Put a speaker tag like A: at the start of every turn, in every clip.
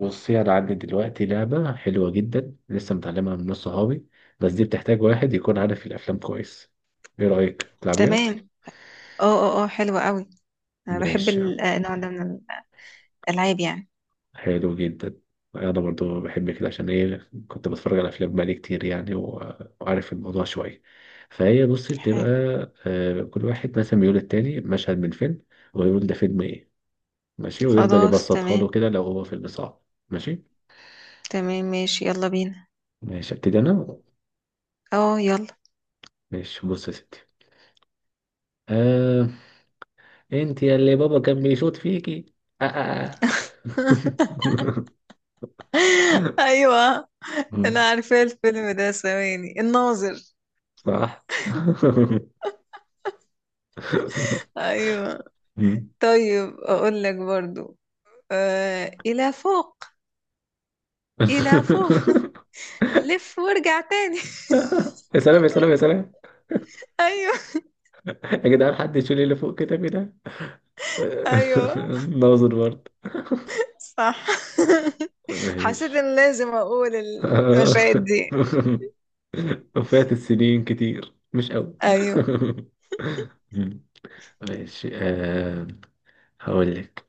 A: بصي انا عندي دلوقتي لعبه حلوه جدا لسه متعلمها من ناس صحابي، بس دي بتحتاج واحد يكون عارف الافلام كويس. ايه رايك تلعبيها؟
B: تمام. اه حلوة قوي. انا بحب
A: ماشي.
B: النوع ده من الالعاب يعني.
A: حلو جدا. انا برضو بحب كده عشان ايه، كنت بتفرج على افلام بقالي كتير يعني و- وعارف الموضوع شويه. فهي بصي بتبقى
B: حلو.
A: كل واحد مثلا بيقول التاني مشهد من فيلم، ويقول ده فيلم ايه. ماشي، ويفضل
B: خلاص
A: يبسطها له
B: تمام.
A: كده لو هو فيلم صعب. ماشي.
B: تمام ماشي، يلا بينا.
A: ماشي ابتدي انا.
B: اه يلا.
A: ماشي، بص يا ستي. آه، انت يا اللي بابا كان بيشوط فيكي. آه آه. آه.
B: ايوه، انا
A: مم.
B: عارفه الفيلم ده، ثواني، الناظر.
A: صح.
B: ايوه.
A: مم.
B: طيب اقول لك برضو. آه، الى فوق. الى فوق. لف وارجع تاني.
A: يا سلام يا سلام يا سلام.
B: ايوه
A: يا جدعان حد يشيل اللي فوق كتابي ده.
B: ايوه
A: ناظر برضه.
B: صح.
A: ماشي.
B: حسيت ان لازم اقول المشاهد دي.
A: وفات السنين كتير، مش قوي.
B: ايوه.
A: ماشي، آه. هقول لك،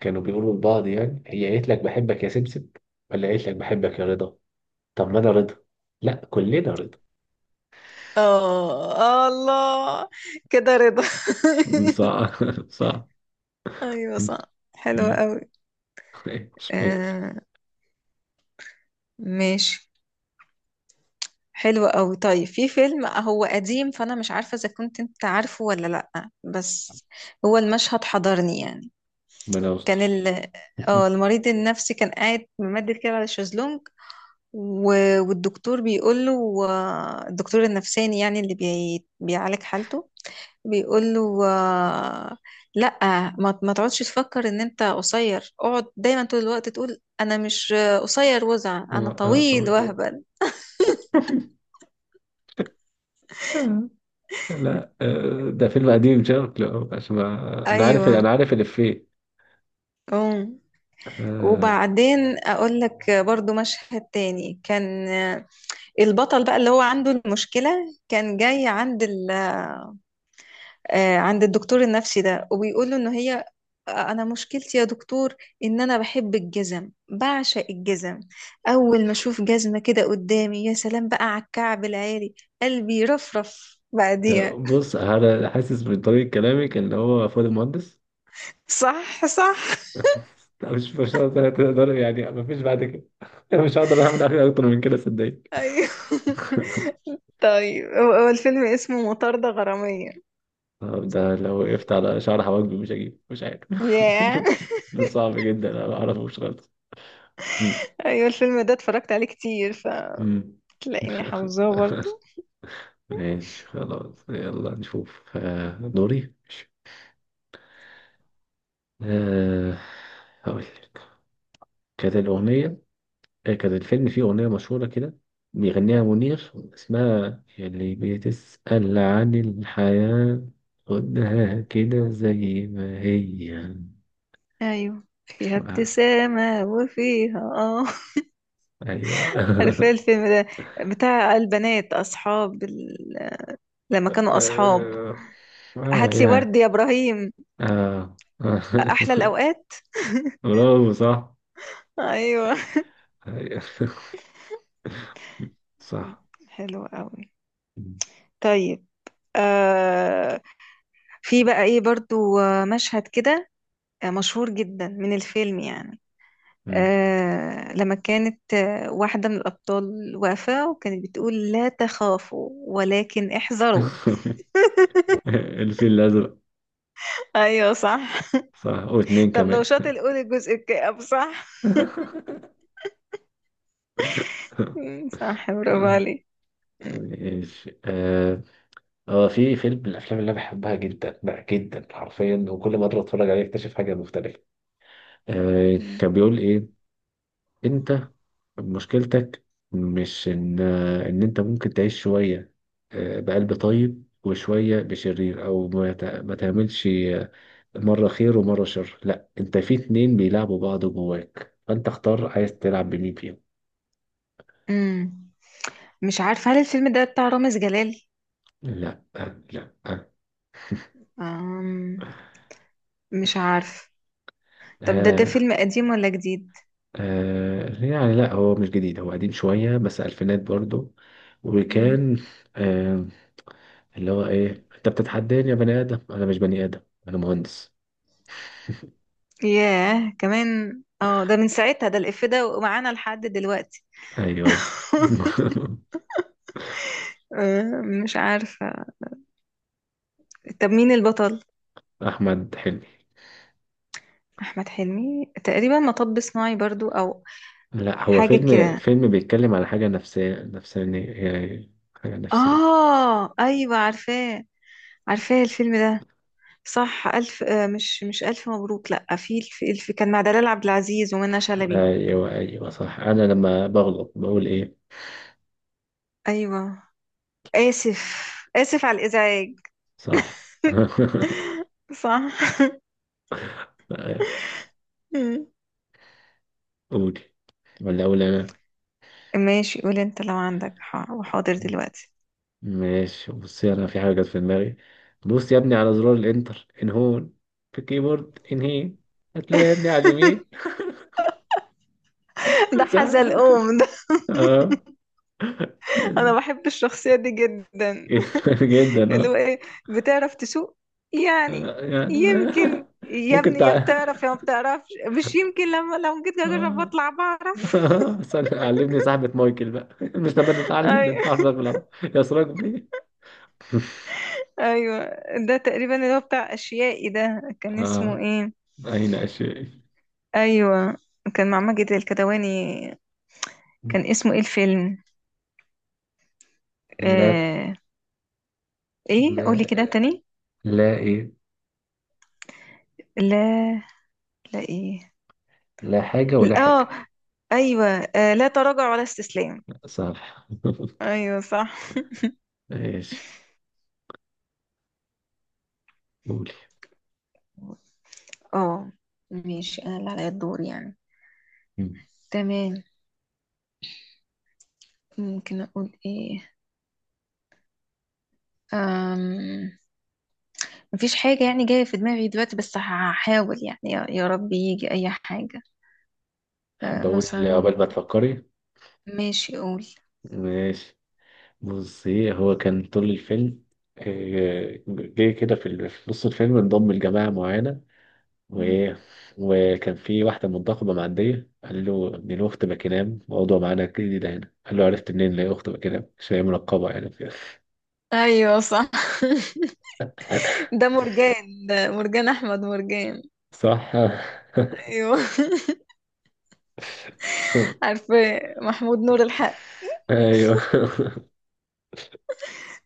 A: كانوا بيقولوا لبعض يعني، هي قالت لك بحبك يا سبسب، ولا قالت لك بحبك يا رضا؟ طب ما انا رضا. لا كلنا رضا.
B: اه الله. كده رضا.
A: صح. صح.
B: ايوه صح. حلوة
A: مم.
B: قوي.
A: مش بقول؟
B: آه ماشي. حلوة قوي. طيب في فيلم هو قديم، فانا مش عارفة اذا كنت انت عارفه ولا لا، بس هو المشهد حضرني يعني.
A: ربنا
B: كان
A: يستر.
B: اه المريض النفسي كان قاعد ممدد كده على الشезлونج و... والدكتور بيقول له، الدكتور النفساني يعني اللي بيعالج حالته، بيقول له لا، ما تقعدش تفكر ان انت قصير، اقعد دايما طول الوقت تقول انا مش قصير، وزع انا
A: اه طب
B: طويل
A: يقول.
B: وهبل.
A: لا ده فيلم قديم شكله، عشان ما انا عارف
B: ايوه.
A: انا عارف الافيه.
B: أم.
A: آه،
B: وبعدين اقول لك برضو مشهد تاني كان البطل بقى اللي هو عنده المشكلة، كان جاي عند ال عند الدكتور النفسي ده، وبيقول له ان هي، انا مشكلتي يا دكتور ان انا بحب الجزم، بعشق الجزم، اول ما اشوف جزمة كده قدامي يا سلام بقى على الكعب العالي، قلبي يرفرف
A: ده
B: بعديها.
A: بص، انا حاسس من طريقة كلامك ان هو فؤاد المهندس.
B: صح صح.
A: لا مش هقدر، تقدر يعني، مفيش بعد كده. انا مش هقدر اعمل حاجه اكتر من كده صدقني.
B: ايوه. طيب هو الفيلم اسمه مطاردة غرامية.
A: طب ده لو وقفت على شعر حواجبي مش هجيب، مش عارف.
B: ياه.
A: ده صعب جدا، انا ما اعرفوش خالص. مم.
B: ايوه الفيلم ده اتفرجت عليه كتير،
A: مم.
B: فتلاقيني حافظاه برضه.
A: ماشي خلاص، يلا نشوف دوري ماشي. آه، هقول لك. كانت الأغنية، كان الفيلم فيه أغنية مشهورة كده، بيغنيها منير، اسمها اللي بتسأل عن الحياة. خدها كده زي ما هي.
B: ايوه فيها
A: آه،
B: ابتسامة وفيها.
A: أيوة.
B: عارفة إيه الفيلم ده؟ بتاع البنات أصحاب لما كانوا أصحاب.
A: آه. آه،
B: هاتلي
A: يعني.
B: ورد يا إبراهيم.
A: آه آه.
B: أحلى الأوقات.
A: برافو، صح.
B: أيوة.
A: أيوة. صح.
B: حلو قوي. طيب. آه. في بقى إيه برضو مشهد كده مشهور جدا من الفيلم يعني.
A: مم.
B: آه لما كانت واحدة من الأبطال واقفة وكانت بتقول لا تخافوا ولكن احذروا.
A: الفيل الأزرق.
B: أيوة صح.
A: صح، واتنين
B: طب لو
A: كمان.
B: شاطر قول الجزء الكئيب. صح. مم، صح، برافو عليك.
A: ماشي، آه. هو في فيلم من الافلام اللي انا بحبها جدا بقى، جدا حرفيا، وكل ما ادخل اتفرج عليه اكتشف حاجه مختلفه. آه كان بيقول ايه، انت مشكلتك مش ان ان انت ممكن تعيش شويه آه بقلب طيب وشويه بشرير، او ما تعملش مره خير ومره شر. لا، انت في اتنين بيلعبوا بعض جواك، فانت اختار عايز تلعب بمين فيهم.
B: امم. مش عارفة هل الفيلم ده بتاع رامز جلال؟
A: لا لا.
B: أم... مش عارف. طب ده
A: آه.
B: فيلم قديم ولا جديد؟
A: آه، يعني لا هو مش جديد، هو قديم شوية بس ألفينات برضو.
B: امم.
A: وكان آه اللي هو إيه، أنت بتتحداني يا بني آدم؟ أنا مش بني آدم، أنا مهندس.
B: ياه، كمان. اه ده من ساعتها، ده الإف ده ومعانا لحد دلوقتي.
A: أيوه.
B: مش عارفة. طب مين البطل؟
A: أحمد حلمي.
B: أحمد حلمي. تقريبا مطب صناعي برضو، أو
A: لا، هو
B: حاجة
A: فيلم
B: كده.
A: فيلم بيتكلم على حاجة نفسية نفسانية، يعني حاجة نفسية.
B: آه أيوة عارفاه. عارفاه الفيلم ده. صح، ألف مش ألف مبروك، لأ، في الف كان مع دلال عبد العزيز ومنى شلبي.
A: أيوه أيوه صح. أنا لما بغلط بقول إيه؟
B: أيوة. آسف. آسف على الإزعاج.
A: صح.
B: صح. مم.
A: قولي ولا أقول أنا؟
B: ماشي قول انت لو عندك وحاضر دلوقتي.
A: ماشي، بصي انا في حاجه جت في دماغي. بص يا ابني على زرار الانتر ان هون، في الكيبورد ان هي، هتلاقي يا ابني على اليمين.
B: ده
A: صح.
B: حزلقوم ده.
A: اه.
B: انا بحب الشخصية دي جدا.
A: جدا
B: اللي هو
A: اه.
B: ايه، بتعرف تسوق يعني.
A: آه، يعني.
B: يمكن يا
A: ممكن
B: ابني يا
A: تع...
B: بتعرف يا ما بتعرفش. مش يمكن، لما لو جيت اجرب
A: آه.
B: اطلع بعرف.
A: علمني صاحبة مايكل بقى، مش لما نتعلم نتعرف
B: ايوه
A: بالعربي يا سراج بيه.
B: ايوه. ده تقريبا اللي هو بتاع اشيائي ده، كان اسمه
A: اه،
B: ايه؟
A: أين أشياء.
B: ايوه كان مع ماجد الكدواني، كان اسمه ايه الفيلم؟
A: لا،
B: آه... ايه قولي
A: لا
B: كده تاني.
A: لا إيه.
B: لا. لا ايه.
A: لا حاجة ولا
B: اه،
A: حاجة.
B: ايوه آه، لا تراجع ولا استسلام.
A: صح.
B: ايوه صح.
A: ماشي، قولي.
B: اه ماشي، انا اللي عليا الدور يعني.
A: مم.
B: تمام. ممكن اقول ايه؟ أم... مفيش حاجة يعني جاية في دماغي دلوقتي، بس هحاول يعني، يا رب يجي أي حاجة. أه
A: أحب أقول
B: مثلا
A: عقبال ما
B: ممكن.
A: تفكري.
B: ماشي قول.
A: ماشي، بصي هو كان طول الفيلم، جه كده في في نص الفيلم انضم لجماعة معينة،
B: مم.
A: وإيه، وكان في واحدة منتخبة معدية قال له إن له أخت باكينام، موضوع معانا جديدة هنا، قال له عرفت منين إن هي أخت باكينام؟ عشان هي منقبة يعني كده.
B: أيوة صح. ده مرجان، ده مرجان أحمد مرجان.
A: صح.
B: أيوة. عارفة، محمود نور الحق.
A: أيوه.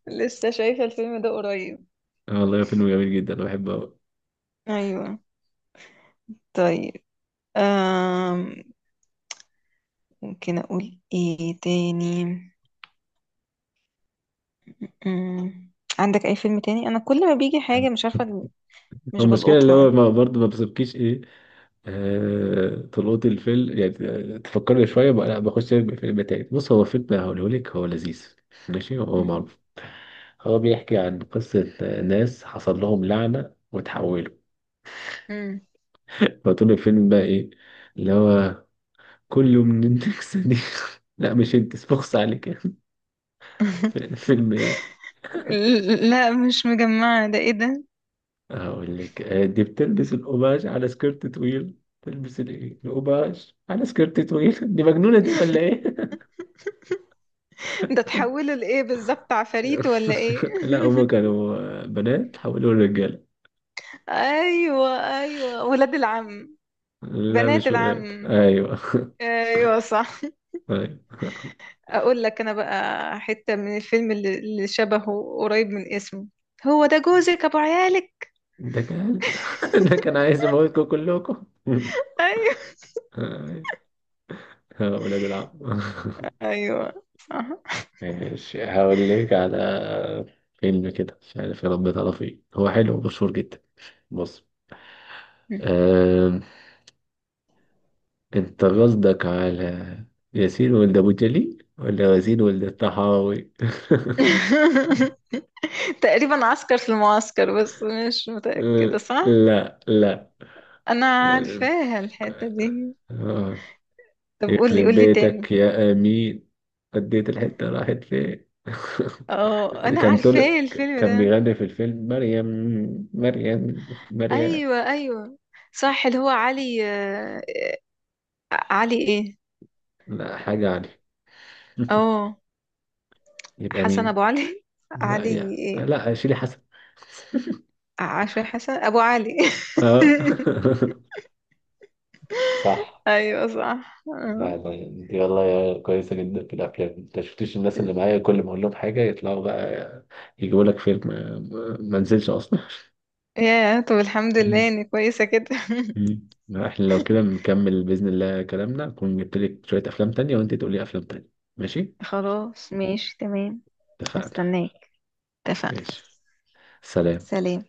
B: لسه شايفة الفيلم ده قريب.
A: والله فيلم جميل جدا، أنا بحبه أوي.
B: أيوة. طيب. أم... ممكن أقول إيه تاني؟ أم... عندك أي فيلم تاني؟ أنا كل ما بيجي حاجة مش عارفة،
A: هو
B: مش
A: المشكلة اللي هو
B: بلقطها.
A: برضه ما بيسيبكيش ايه، طلوعات الفيلم يعني. تفكرني شوية بقى، لا بخش الفيلم تاني. بص، هو فيلم هقوله لك هو لذيذ، ماشي؟ هو معروف. هو بيحكي عن قصة ناس حصل لهم لعنة وتحولوا.
B: أمم.
A: فطول الفيلم بقى إيه اللي هو، كل من إنك صديق. لا مش أنت، بخص عليك يعني. فيلم إيه؟
B: لا مش مجمعة، ده إيه ده؟
A: هقول لك دي بتلبس القماش على سكيرت طويل، تلبس الإيه القماش على سكيرت طويل. دي مجنونة دي ولا إيه؟
B: ده تحوله لإيه بالظبط، عفاريت ولا إيه؟
A: لا هما كانوا بنات حولوا لرجالة.
B: أيوة. أيوة ولاد العم.
A: لا
B: بنات
A: مش ولاد،
B: العم.
A: ايوه.
B: أيوة صح.
A: ايوه.
B: اقول لك انا بقى، حتة من الفيلم اللي شبهه قريب من اسمه. هو ده جوزك ابو عيالك.
A: ده كان ده كان عايز يموتكم كلكم.
B: ايوه
A: أيوة. يا ولاد العم.
B: ايوه صح.
A: ماشي، هقول لك على فيلم كده مش عارف، يا رب تعرف ايه. هو حلو ومشهور جدا. بص، آه، انت قصدك على ياسين ولد ابو جليل ولا ياسين ولد الطحاوي؟
B: تقريبا عسكر في المعسكر، بس مش متأكدة. صح.
A: لا.
B: انا
A: لا.
B: عارفاها الحتة دي.
A: آه.
B: طب قولي،
A: يخرب
B: قولي تاني.
A: بيتك يا امين، اديت الحته راحت فين.
B: اه انا
A: كان طلع،
B: عارفاه الفيلم
A: كان
B: ده.
A: بيغني في الفيلم مريم، مريم.
B: ايوه ايوه صح. اللي هو علي علي ايه.
A: لا حاجه علي.
B: اه.
A: يبقى
B: حسن
A: مين؟
B: ابو علي.
A: لا
B: علي
A: يا،
B: إيه؟
A: لا شيلي حسن.
B: عشري حسن ابو علي.
A: اه. صح.
B: ايوه صح
A: لا لا دي والله يا كويسة جدا في الأفلام، أنت شفتش الناس اللي معايا كل ما أقول لهم حاجة يطلعوا بقى يجيبوا لك فيلم ما نزلش أصلا.
B: يا طب الحمد لله اني كويسه كده.
A: لا، احنا لو كده نكمل بإذن الله كلامنا، أكون جبت لك شوية أفلام تانية وأنت تقولي أفلام تانية. ماشي.
B: خلاص ماشي تمام.
A: اتفقنا.
B: هستناك. اتفقنا.
A: ماشي. سلام.
B: سلام.